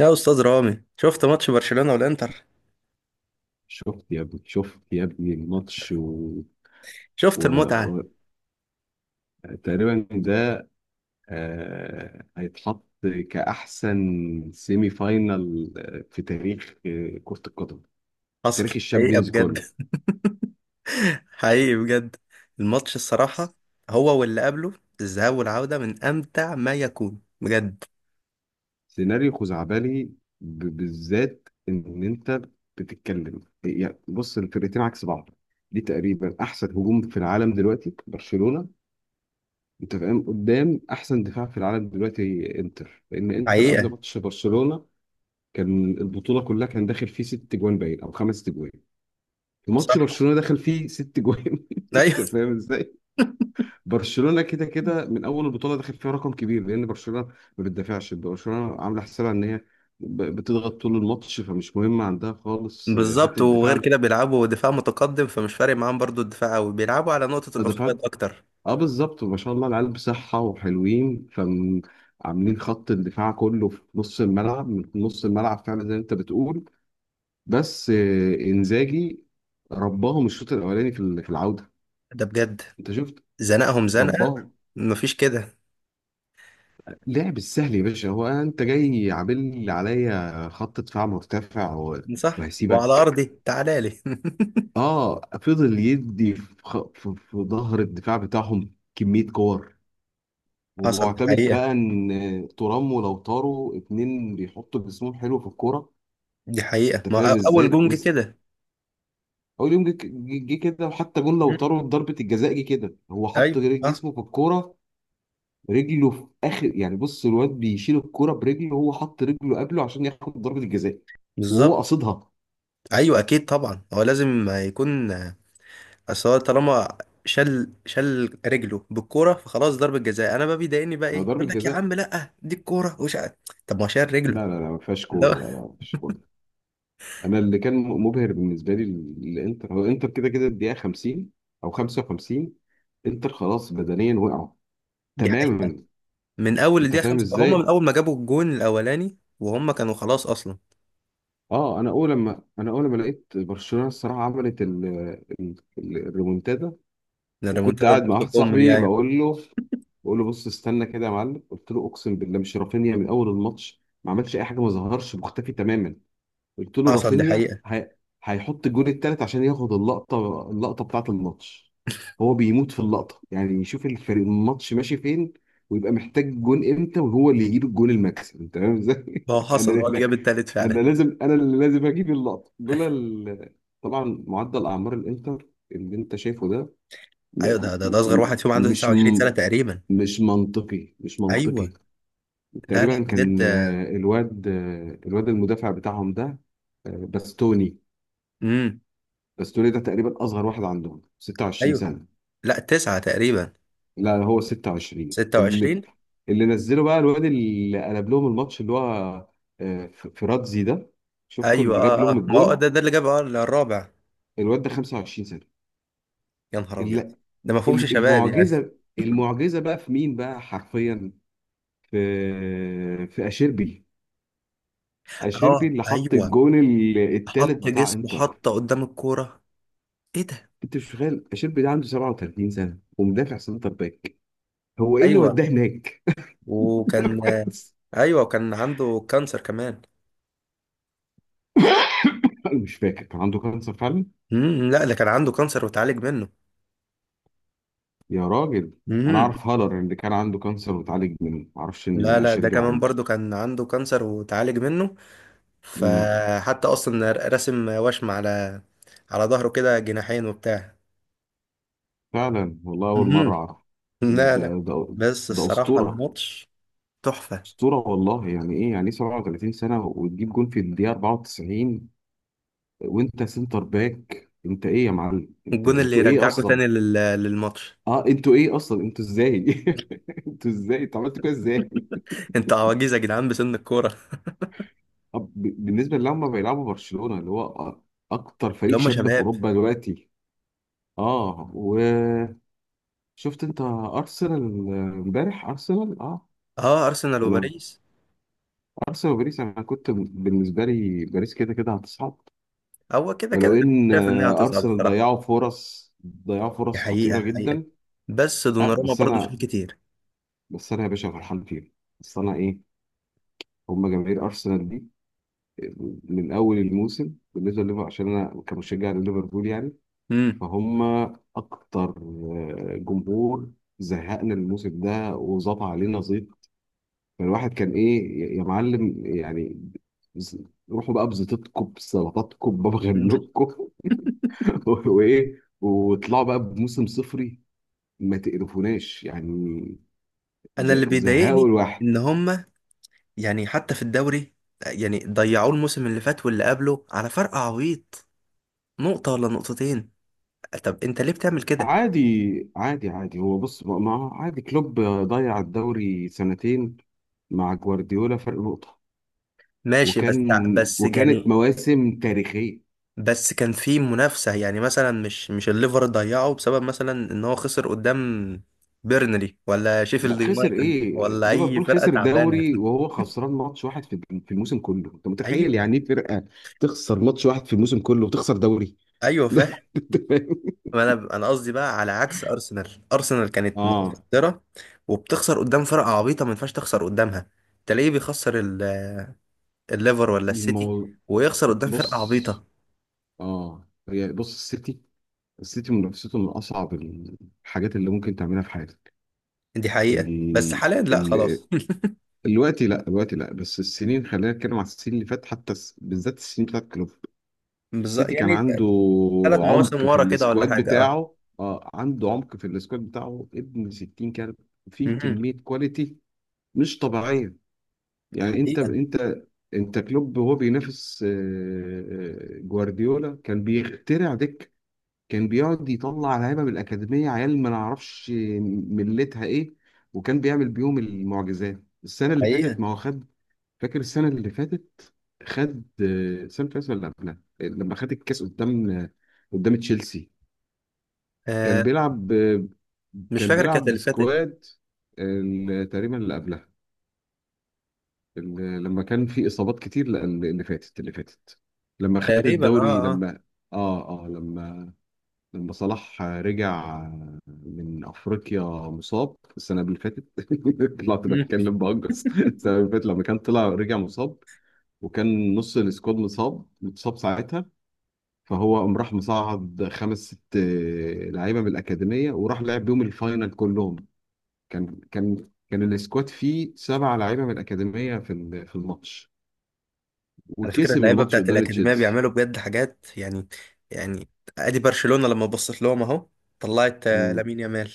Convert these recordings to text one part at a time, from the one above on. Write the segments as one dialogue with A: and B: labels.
A: يا استاذ رامي، شفت ماتش برشلونة والانتر؟
B: شفت يا ابني، شفت يا ابني الماتش
A: شفت
B: و...
A: المتعة؟
B: و... تقريبا ده هيتحط كأحسن سيمي فاينال، في تاريخ، كرة القدم، في تاريخ
A: حصل حقيقة
B: الشامبيونز
A: بجد.
B: كله.
A: حقيقي بجد. الماتش الصراحة، هو واللي قبله، الذهاب والعودة، من امتع ما يكون بجد.
B: سيناريو خزعبلي، بالذات إن أنت بتتكلم، يعني بص الفرقتين عكس بعض. دي تقريبا أحسن هجوم في العالم دلوقتي برشلونة، أنت فاهم، قدام أحسن دفاع في العالم دلوقتي إنتر. لأن إنتر قبل
A: حقيقة.
B: ماتش برشلونة كان البطوله كلها كان داخل فيه ست جوان باين او خمس جوان. في ماتش
A: صح.
B: برشلونه دخل فيه ست جوان انت
A: ايوه.
B: فاهم ازاي. برشلونه كده كده من اول البطوله داخل فيها رقم كبير، لان برشلونه ما بتدافعش. برشلونه عامله حسابها ان هي بتضغط طول الماتش، فمش مهم عندها خالص
A: بالظبط،
B: حته
A: وغير
B: الدفاع.
A: كده بيلعبوا دفاع متقدم، فمش فارق معاهم برضو الدفاع قوي، بيلعبوا على نقطة الاوفسايد
B: الدفاع
A: اكتر.
B: اه بالظبط، ما شاء الله، العيال بصحه وحلوين، فعاملين خط الدفاع كله في نص الملعب، من نص الملعب فعلا زي ما انت بتقول. بس انزاجي رباهم الشوط الاولاني في في العوده.
A: ده بجد
B: انت شفت،
A: زنقهم زنقة،
B: رباهم.
A: مفيش كده.
B: لعب السهل يا باشا، هو انت جاي عامل لي عليا خط دفاع مرتفع و-
A: صح، وعلى
B: وهسيبك.
A: ارضي تعالى لي.
B: اه، فضل يدي في في ظهر الدفاع بتاعهم كميه كور،
A: حصل، دي
B: ومعتمد
A: حقيقة.
B: بقى ان ترام ولو طاروا اتنين بيحطوا جسمهم حلو في الكوره.
A: دي حقيقة.
B: انت
A: ما
B: فاهم
A: أ- اول
B: ازاي؟
A: جون جه
B: وس-
A: كده.
B: اول يوم جه كده، وحتى جون لو طاروا ضربه الجزاء جه كده، هو حط
A: ايوه صح.
B: جسمه في الكوره، رجله في اخر، يعني بص الواد بيشيل الكرة برجله وهو حط رجله قبله عشان ياخد ضربة الجزاء، وهو
A: بالظبط.
B: قصدها.
A: ايوه اكيد طبعا، هو لازم يكون. اصل هو طالما شل رجله بالكوره، فخلاص ضربه جزاء. انا بقى بيضايقني بقى ايه،
B: ما هي ضربة
A: يقول لك يا عم
B: جزاء.
A: لا دي الكوره، طب ما هو شال رجله.
B: لا لا لا، ما فيهاش كورة،
A: لا.
B: لا لا، ما فيهاش كورة. انا اللي كان مبهر بالنسبة لي الانتر، هو انتر كده كده الدقيقة 50 او 55، انتر خلاص بدنيا وقعوا
A: دي حقيقه،
B: تماما.
A: من اول
B: انت
A: الدقيقه
B: فاهم
A: خمسة، هم من
B: ازاي؟
A: اول ما جابوا الجون الاولاني وهم كانوا خلاص اصلا.
B: اه، انا اول ما لقيت برشلونة الصراحة عملت الريمونتادا.
A: إن
B: وكنت
A: الريمونتادا
B: قاعد مع
A: نقطه
B: واحد
A: كم
B: صاحبي
A: يعني؟
B: بقول له، بص استنى كده يا معلم، قلت له اقسم بالله مش رافينيا من اول الماتش ما عملش اي حاجه، ما ظهرش، مختفي تماما. قلت له
A: حصل، دي
B: رافينيا
A: حقيقه.
B: هيحط الجول الثالث عشان ياخد اللقطه، اللقطه بتاعه الماتش. هو بيموت في اللقطه، يعني يشوف الفريق الماتش ماشي فين ويبقى محتاج جون امتى، وهو اللي يجيب الجول المكسب. انت فاهم ازاي؟
A: هو حصل،
B: انا
A: هو اللي
B: انا
A: جاب التالت
B: أنا
A: فعلا.
B: لازم انا اللي لازم اجيب اللقطه دول طبعا معدل اعمار الانتر اللي انت شايفه ده م...
A: ايوه، ده ده,
B: م...
A: ده اصغر
B: م-
A: واحد فيهم عنده
B: مش
A: 29 سنه تقريبا.
B: مش منطقي، مش منطقي.
A: ايوه. لا لا
B: تقريبا كان،
A: بجد.
B: الواد، الواد المدافع بتاعهم ده، باستوني.
A: امم.
B: باستوني ده تقريبا اصغر واحد عندهم، 26
A: ايوه.
B: سنة.
A: لا، تسعه تقريبا.
B: لا، هو 26
A: ستة
B: اللي،
A: وعشرين.
B: اللي نزله بقى الواد اللي قلب لهم الماتش، اللي هو فراتزي ده، شفته
A: ايوه
B: اللي جاب
A: اه
B: لهم
A: اه، ما هو
B: الجول.
A: ده اللي جاب اه الرابع.
B: الواد ده 25 سنة.
A: يا نهار ابيض،
B: ال-
A: ده ما فهمش شباب يعني.
B: المعجزة، المعجزة بقى في مين بقى حرفيا؟ في في أشيربي. اشيربي
A: اه
B: اللي حط
A: ايوه.
B: الجون التالت
A: حط
B: بتاع
A: جسمه،
B: انتر.
A: حط قدام الكوره. ايه ده؟
B: انت مش متخيل، اشيربي ده عنده 37 سنه، ومدافع سنتر باك. هو ايه اللي
A: ايوه،
B: وداه هناك؟ ده
A: وكان
B: بس.
A: ايوه، وكان عنده كانسر كمان.
B: انا مش فاكر كان عنده كانسر فعلا.
A: امم. لا ده كان عنده كانسر وتعالج منه.
B: يا راجل، انا
A: امم.
B: اعرف هالر اللي كان عنده كانسر واتعالج منه، ما اعرفش ان
A: لا لا، ده
B: اشيربي
A: كمان
B: عنده.
A: برضو كان عنده كانسر وتعالج منه.
B: امم،
A: فحتى اصلا رسم وشم على، على ظهره كده جناحين وبتاع.
B: فعلا والله، اول مره
A: امم.
B: اعرف.
A: لا
B: ده
A: لا.
B: ده
A: بس
B: ده
A: الصراحة
B: اسطوره،
A: الماتش تحفة.
B: اسطوره والله. يعني ايه يعني ايه 37 سنه وتجيب جون في الدقيقه 94، وانت سنتر باك؟ انت ايه يا معلم، انت
A: الجون اللي
B: انتوا ايه
A: يرجعكوا
B: اصلا؟
A: تاني لل... للماتش.
B: اه، انتوا ايه اصلا، انتوا ازاي؟ انتوا ازاي انتوا عملتوا كده ازاي؟
A: انتوا عواجيز يا جدعان بسن الكوره.
B: طب، ب- بالنسبه اللي هم بيلعبوا برشلونه، اللي هو أ- اكتر
A: اللي
B: فريق
A: هم
B: شاب في
A: شباب.
B: اوروبا دلوقتي. اه، وشفت انت ارسنال، امبارح ارسنال؟ اه،
A: اه، ارسنال
B: ولا
A: وباريس.
B: ارسنال وباريس؟ انا كنت بالنسبه لي باريس كده كده هتصعد،
A: هو كده كده
B: ولو
A: أنا
B: ان
A: شايف انها هتصعد
B: ارسنال
A: الصراحه.
B: ضيعوا فرص، ضيعوا
A: دي
B: فرص
A: حقيقه
B: خطيره
A: حقيقه.
B: جدا.
A: بس
B: آه،
A: دوناروما
B: بس
A: برضه شال
B: انا
A: كتير.
B: بس انا يا باشا فرحان فيهم. بس انا ايه، هم جماهير ارسنال من اول الموسم، بالنسبه لليفر، عشان انا كمشجع لليفربول يعني،
A: امم.
B: فهم اكتر جمهور زهقنا الموسم ده وظبط علينا زيط. فالواحد كان ايه يا معلم يعني، ز- روحوا بقى بزيطتكم، بسلطاتكم، بمغلوبكم، وايه، وطلعوا بقى بموسم صفري. ما تقرفوناش يعني،
A: انا
B: ز-
A: اللي
B: زهقوا
A: بيضايقني
B: الواحد.
A: ان هم، يعني حتى في الدوري، يعني ضيعوه الموسم اللي فات واللي قبله على فرق عويط، نقطه ولا نقطتين. طب انت ليه بتعمل كده؟
B: عادي عادي، هو بص بقى، ما هو عادي، كلوب ضيع الدوري سنتين مع جوارديولا فرق نقطة.
A: ماشي بس.
B: وكان
A: بس
B: وكانت
A: يعني،
B: مواسم تاريخية.
A: بس كان في منافسة، يعني مثلا مش الليفر ضيعه بسبب مثلا ان هو خسر قدام بيرنلي ولا شيفيلد
B: لا، خسر
A: يونايتد
B: ايه؟
A: ولا اي
B: ليفربول
A: فرقة
B: خسر
A: تعبانة.
B: الدوري وهو خسران ماتش واحد في الموسم كله. انت متخيل يعني
A: ايوه.
B: ايه فرقة تخسر ماتش واحد في الموسم كله وتخسر دوري؟
A: ايوه فاهم.
B: أنت فاهم؟
A: ما انا قصدي بقى على عكس ارسنال، ارسنال كانت
B: اه،
A: متصدرة وبتخسر قدام فرقة عبيطة ما ينفعش تخسر قدامها. تلاقيه بيخسر الليفر ولا السيتي،
B: الموضوع،
A: ويخسر قدام فرقة عبيطة.
B: بص، اه، هي بص، السيتي منافسته من اصعب الحاجات اللي ممكن تعملها في حياتك.
A: دي حقيقة، بس
B: ال...
A: حاليا لا
B: ال...
A: خلاص.
B: الوقت لا، الوقت لا، بس السنين، خلينا نتكلم على السنين اللي فاتت، حتى الس- بالذات السنين بتاعت كلوب.
A: بالظبط
B: السيتي كان
A: يعني،
B: عنده
A: ثلاث مواسم
B: عمق في
A: ورا كده ولا
B: السكواد
A: حاجة، اه.
B: بتاعه، اه عنده عمق في السكواد بتاعه ابن 60، كان في
A: مهم.
B: كمية كواليتي مش طبيعية. يعني
A: حقيقة.
B: انت كلوب، وهو بينافس، جوارديولا كان بيخترع دكة، كان بيقعد يطلع لعيبه من الاكاديميه، عيال ما نعرفش ملتها ايه، وكان بيعمل بيهم المعجزات. السنه اللي
A: حقيقة.
B: فاتت ما هو خد، فاكر السنه اللي فاتت، خد السنه اللي فاتت ولا قبلها، لما خد الكاس قدام، قدام تشيلسي. كان
A: آه
B: بيلعب
A: مش فاكر، كانت اللي فاتت
B: بسكواد تقريبا اللي قبلها، لما كان في اصابات كتير. لا، اللي فاتت، لما خد
A: تقريبا
B: الدوري،
A: اه اه.
B: لما، اه اه، لما، لما صلاح رجع من افريقيا مصاب السنه اللي فاتت. طلعت
A: مم.
B: بتكلم بهجس السنه اللي فاتت، لما كان طلع رجع مصاب، وكان نص السكواد مصاب متصاب ساعتها، فهو قام راح مصعد خمس ست لعيبه من الاكاديميه، وراح لعب بيهم الفاينل كلهم. كان السكواد فيه سبع لعيبه من الاكاديميه في في الماتش،
A: على فكرة
B: وكسب
A: اللعيبة
B: الماتش
A: بتاعت
B: قدام
A: الأكاديمية
B: تشيلسي.
A: بيعملوا بجد حاجات يعني. يعني أدي برشلونة لما بصت لهم أهو طلعت لامين يامال،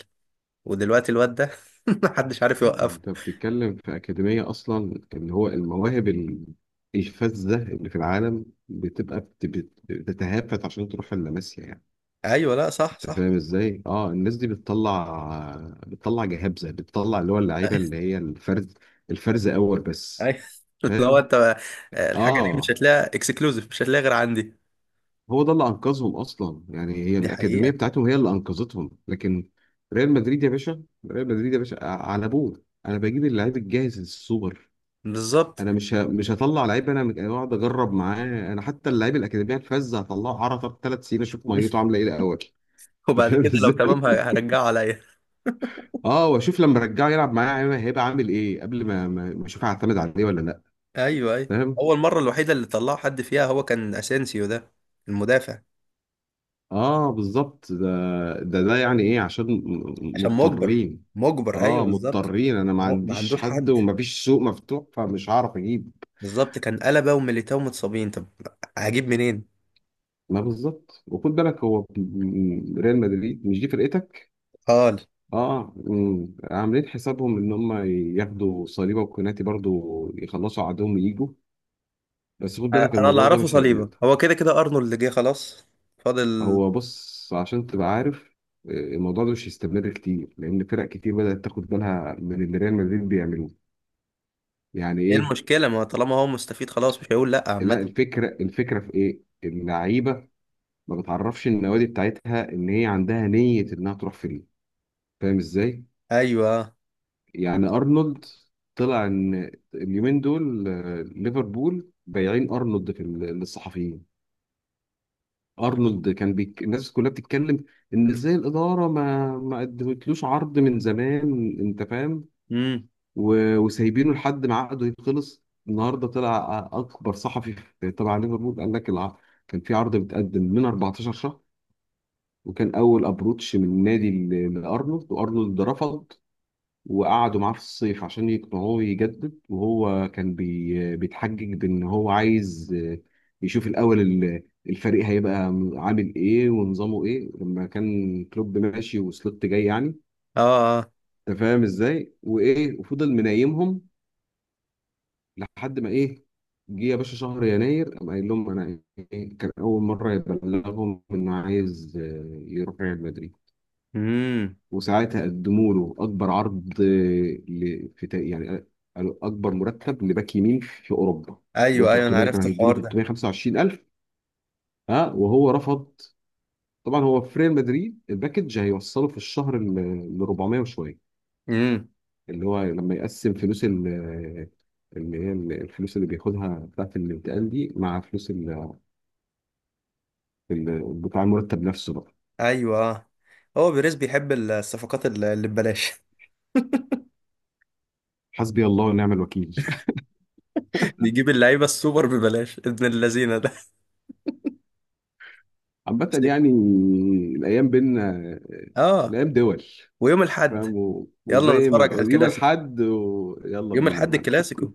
A: ودلوقتي الواد ده محدش عارف
B: لا،
A: يوقفه.
B: انت بتتكلم في اكاديميه اصلا، اللي هو المواهب الفذه اللي في العالم بتبقى بتتهافت عشان تروح اللاماسيا يعني.
A: أيوه لا صح
B: انت
A: صح.
B: فاهم ازاي؟ اه، الناس دي بتطلع، بتطلع جهابزه، بتطلع اللي هو اللعيبه اللي هي الفرز، الفرز اول بس.
A: أيوه. لو
B: فاهم؟
A: أنت، الحاجة دي مش
B: اه،
A: هتلاقيها اكسكلوزيف، مش هتلاقيها غير عندي.
B: هو ده اللي انقذهم اصلا، يعني هي
A: دي
B: الاكاديميه
A: حقيقة.
B: بتاعتهم هي اللي انقذتهم. لكن ريال مدريد يا باشا، ريال مدريد يا باشا، ع- على ابوه، انا بجيب اللعيب الجاهز السوبر،
A: بالظبط.
B: انا مش ه- مش هطلع لعيب، انا مك- اقعد اجرب معاه. انا حتى اللعيب الاكاديميه الفذ هطلعه عرضه ثلاث سنين اشوف ميته عامله ايه الاول. أنت
A: وبعد
B: فاهم
A: كده لو
B: ازاي؟
A: تمام هرجعه عليا.
B: اه، واشوف لما ارجعه يلعب معايا، أيوه هيبقى عامل ايه، قبل ما اشوف هعتمد عليه ولا لا.
A: أيوه أيوه.
B: فاهم؟
A: أول مرة الوحيدة اللي طلعه حد فيها هو كان أسينسيو ده، المدافع.
B: اه بالظبط، ده يعني ايه، عشان
A: عشان مجبر.
B: مضطرين.
A: مجبر، ايوه
B: اه،
A: بالظبط.
B: مضطرين، انا ما
A: اهو ما
B: عنديش
A: عندوش
B: حد
A: حد.
B: ومفيش سوق مفتوح، فمش هعرف اجيب.
A: بالظبط، كان قلبه وميليتاو متصابين، طب هجيب منين؟
B: ما بالظبط، وخد بالك هو ريال مدريد مش دي فرقتك.
A: قال.
B: اه أمم، عاملين حسابهم ان هم ياخدوا صليبه وكوناتي برضو، يخلصوا عدوهم ويجوا. بس خد بالك
A: انا اللي
B: الموضوع ده
A: اعرفه
B: مش
A: صليبه هو كده كده ارنولد جه خلاص، فاضل.
B: هو بص، عشان تبقى عارف، الموضوع ده مش هيستمر كتير، لان فرق كتير بدات تاخد بالها من اللي ريال مدريد بيعملوه. يعني
A: ايه
B: ايه،
A: المشكله، ما طالما هو مستفيد خلاص مش هيقول لا، عامه.
B: لا الفكره، في ايه، اللعيبه ما بتعرفش النوادي بتاعتها ان هي عندها نيه انها تروح فريق. فاهم ازاي؟
A: ايوه.
B: يعني ارنولد، طلع ان اليومين دول، ليفربول بايعين ارنولد في للصحفيين. ارنولد كان الناس كلها بتتكلم ان ازاي الاداره ما ما قدمتلوش عرض من زمان، انت فاهم،
A: امم.
B: وسايبينه لحد ما عقده يخلص. النهارده طلع اكبر صحفي في- تبع ليفربول، كان في عرض متقدم من 14 شهر، وكان اول ابروتش من النادي لارنولد، وارنولد رفض. وقعدوا معاه في الصيف عشان يقنعوه يجدد، وهو كان بيتحجج بان هو عايز، يشوف الاول الفريق هيبقى عامل ايه ونظامه ايه، لما كان كلوب ماشي وسلوت جاي يعني.
A: اه اه.
B: انت فاهم ازاي؟ وايه، وفضل منايمهم لحد ما ايه، جه يا باشا شهر يناير، قام قايل لهم انا إيه، كان اول مره يبلغهم انه عايز يروح ريال مدريد.
A: امم.
B: وساعتها قدموا له اكبر عرض، في تا- يعني قالوا اكبر مرتب لباك يمين في اوروبا، اللي هو
A: ايوه ايوه، انا
B: 300، كان
A: عرفت
B: هيديله
A: الحوار ده.
B: 325 الف. ها، وهو رفض. طبعا هو في ريال مدريد الباكج هيوصله في الشهر ل 400 وشويه،
A: امم.
B: اللي هو لما يقسم فلوس ال، اللي هي الفلوس اللي بياخدها بتاعت الانتقال دي، مع فلوس بتاع المرتب نفسه بقى.
A: ايوه. آه. هو بيريز بيحب الصفقات اللي ببلاش.
B: حسبي الله ونعم الوكيل.
A: بيجيب اللعيبه السوبر ببلاش ابن اللذينه ده.
B: عامة يعني، الأيام بينا،
A: اه.
B: الأيام دول،
A: ويوم الاحد
B: فاهم، و-
A: يلا
B: وزي ما
A: نتفرج على
B: يوم
A: الكلاسيكو،
B: الحد يلا
A: يوم
B: بينا يا
A: الأحد
B: معلم.
A: الكلاسيكو.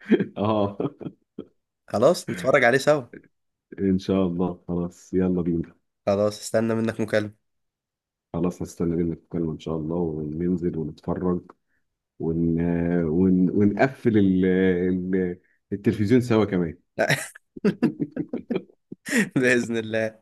B: اه
A: خلاص نتفرج عليه سوا.
B: ان شاء الله، خلاص يلا بينا.
A: خلاص استنى منك مكالمة.
B: خلاص، هستنى منك الكلمة ان شاء الله، وننزل ونتفرج ون... ونقفل التلفزيون سوا كمان.
A: بإذن الله.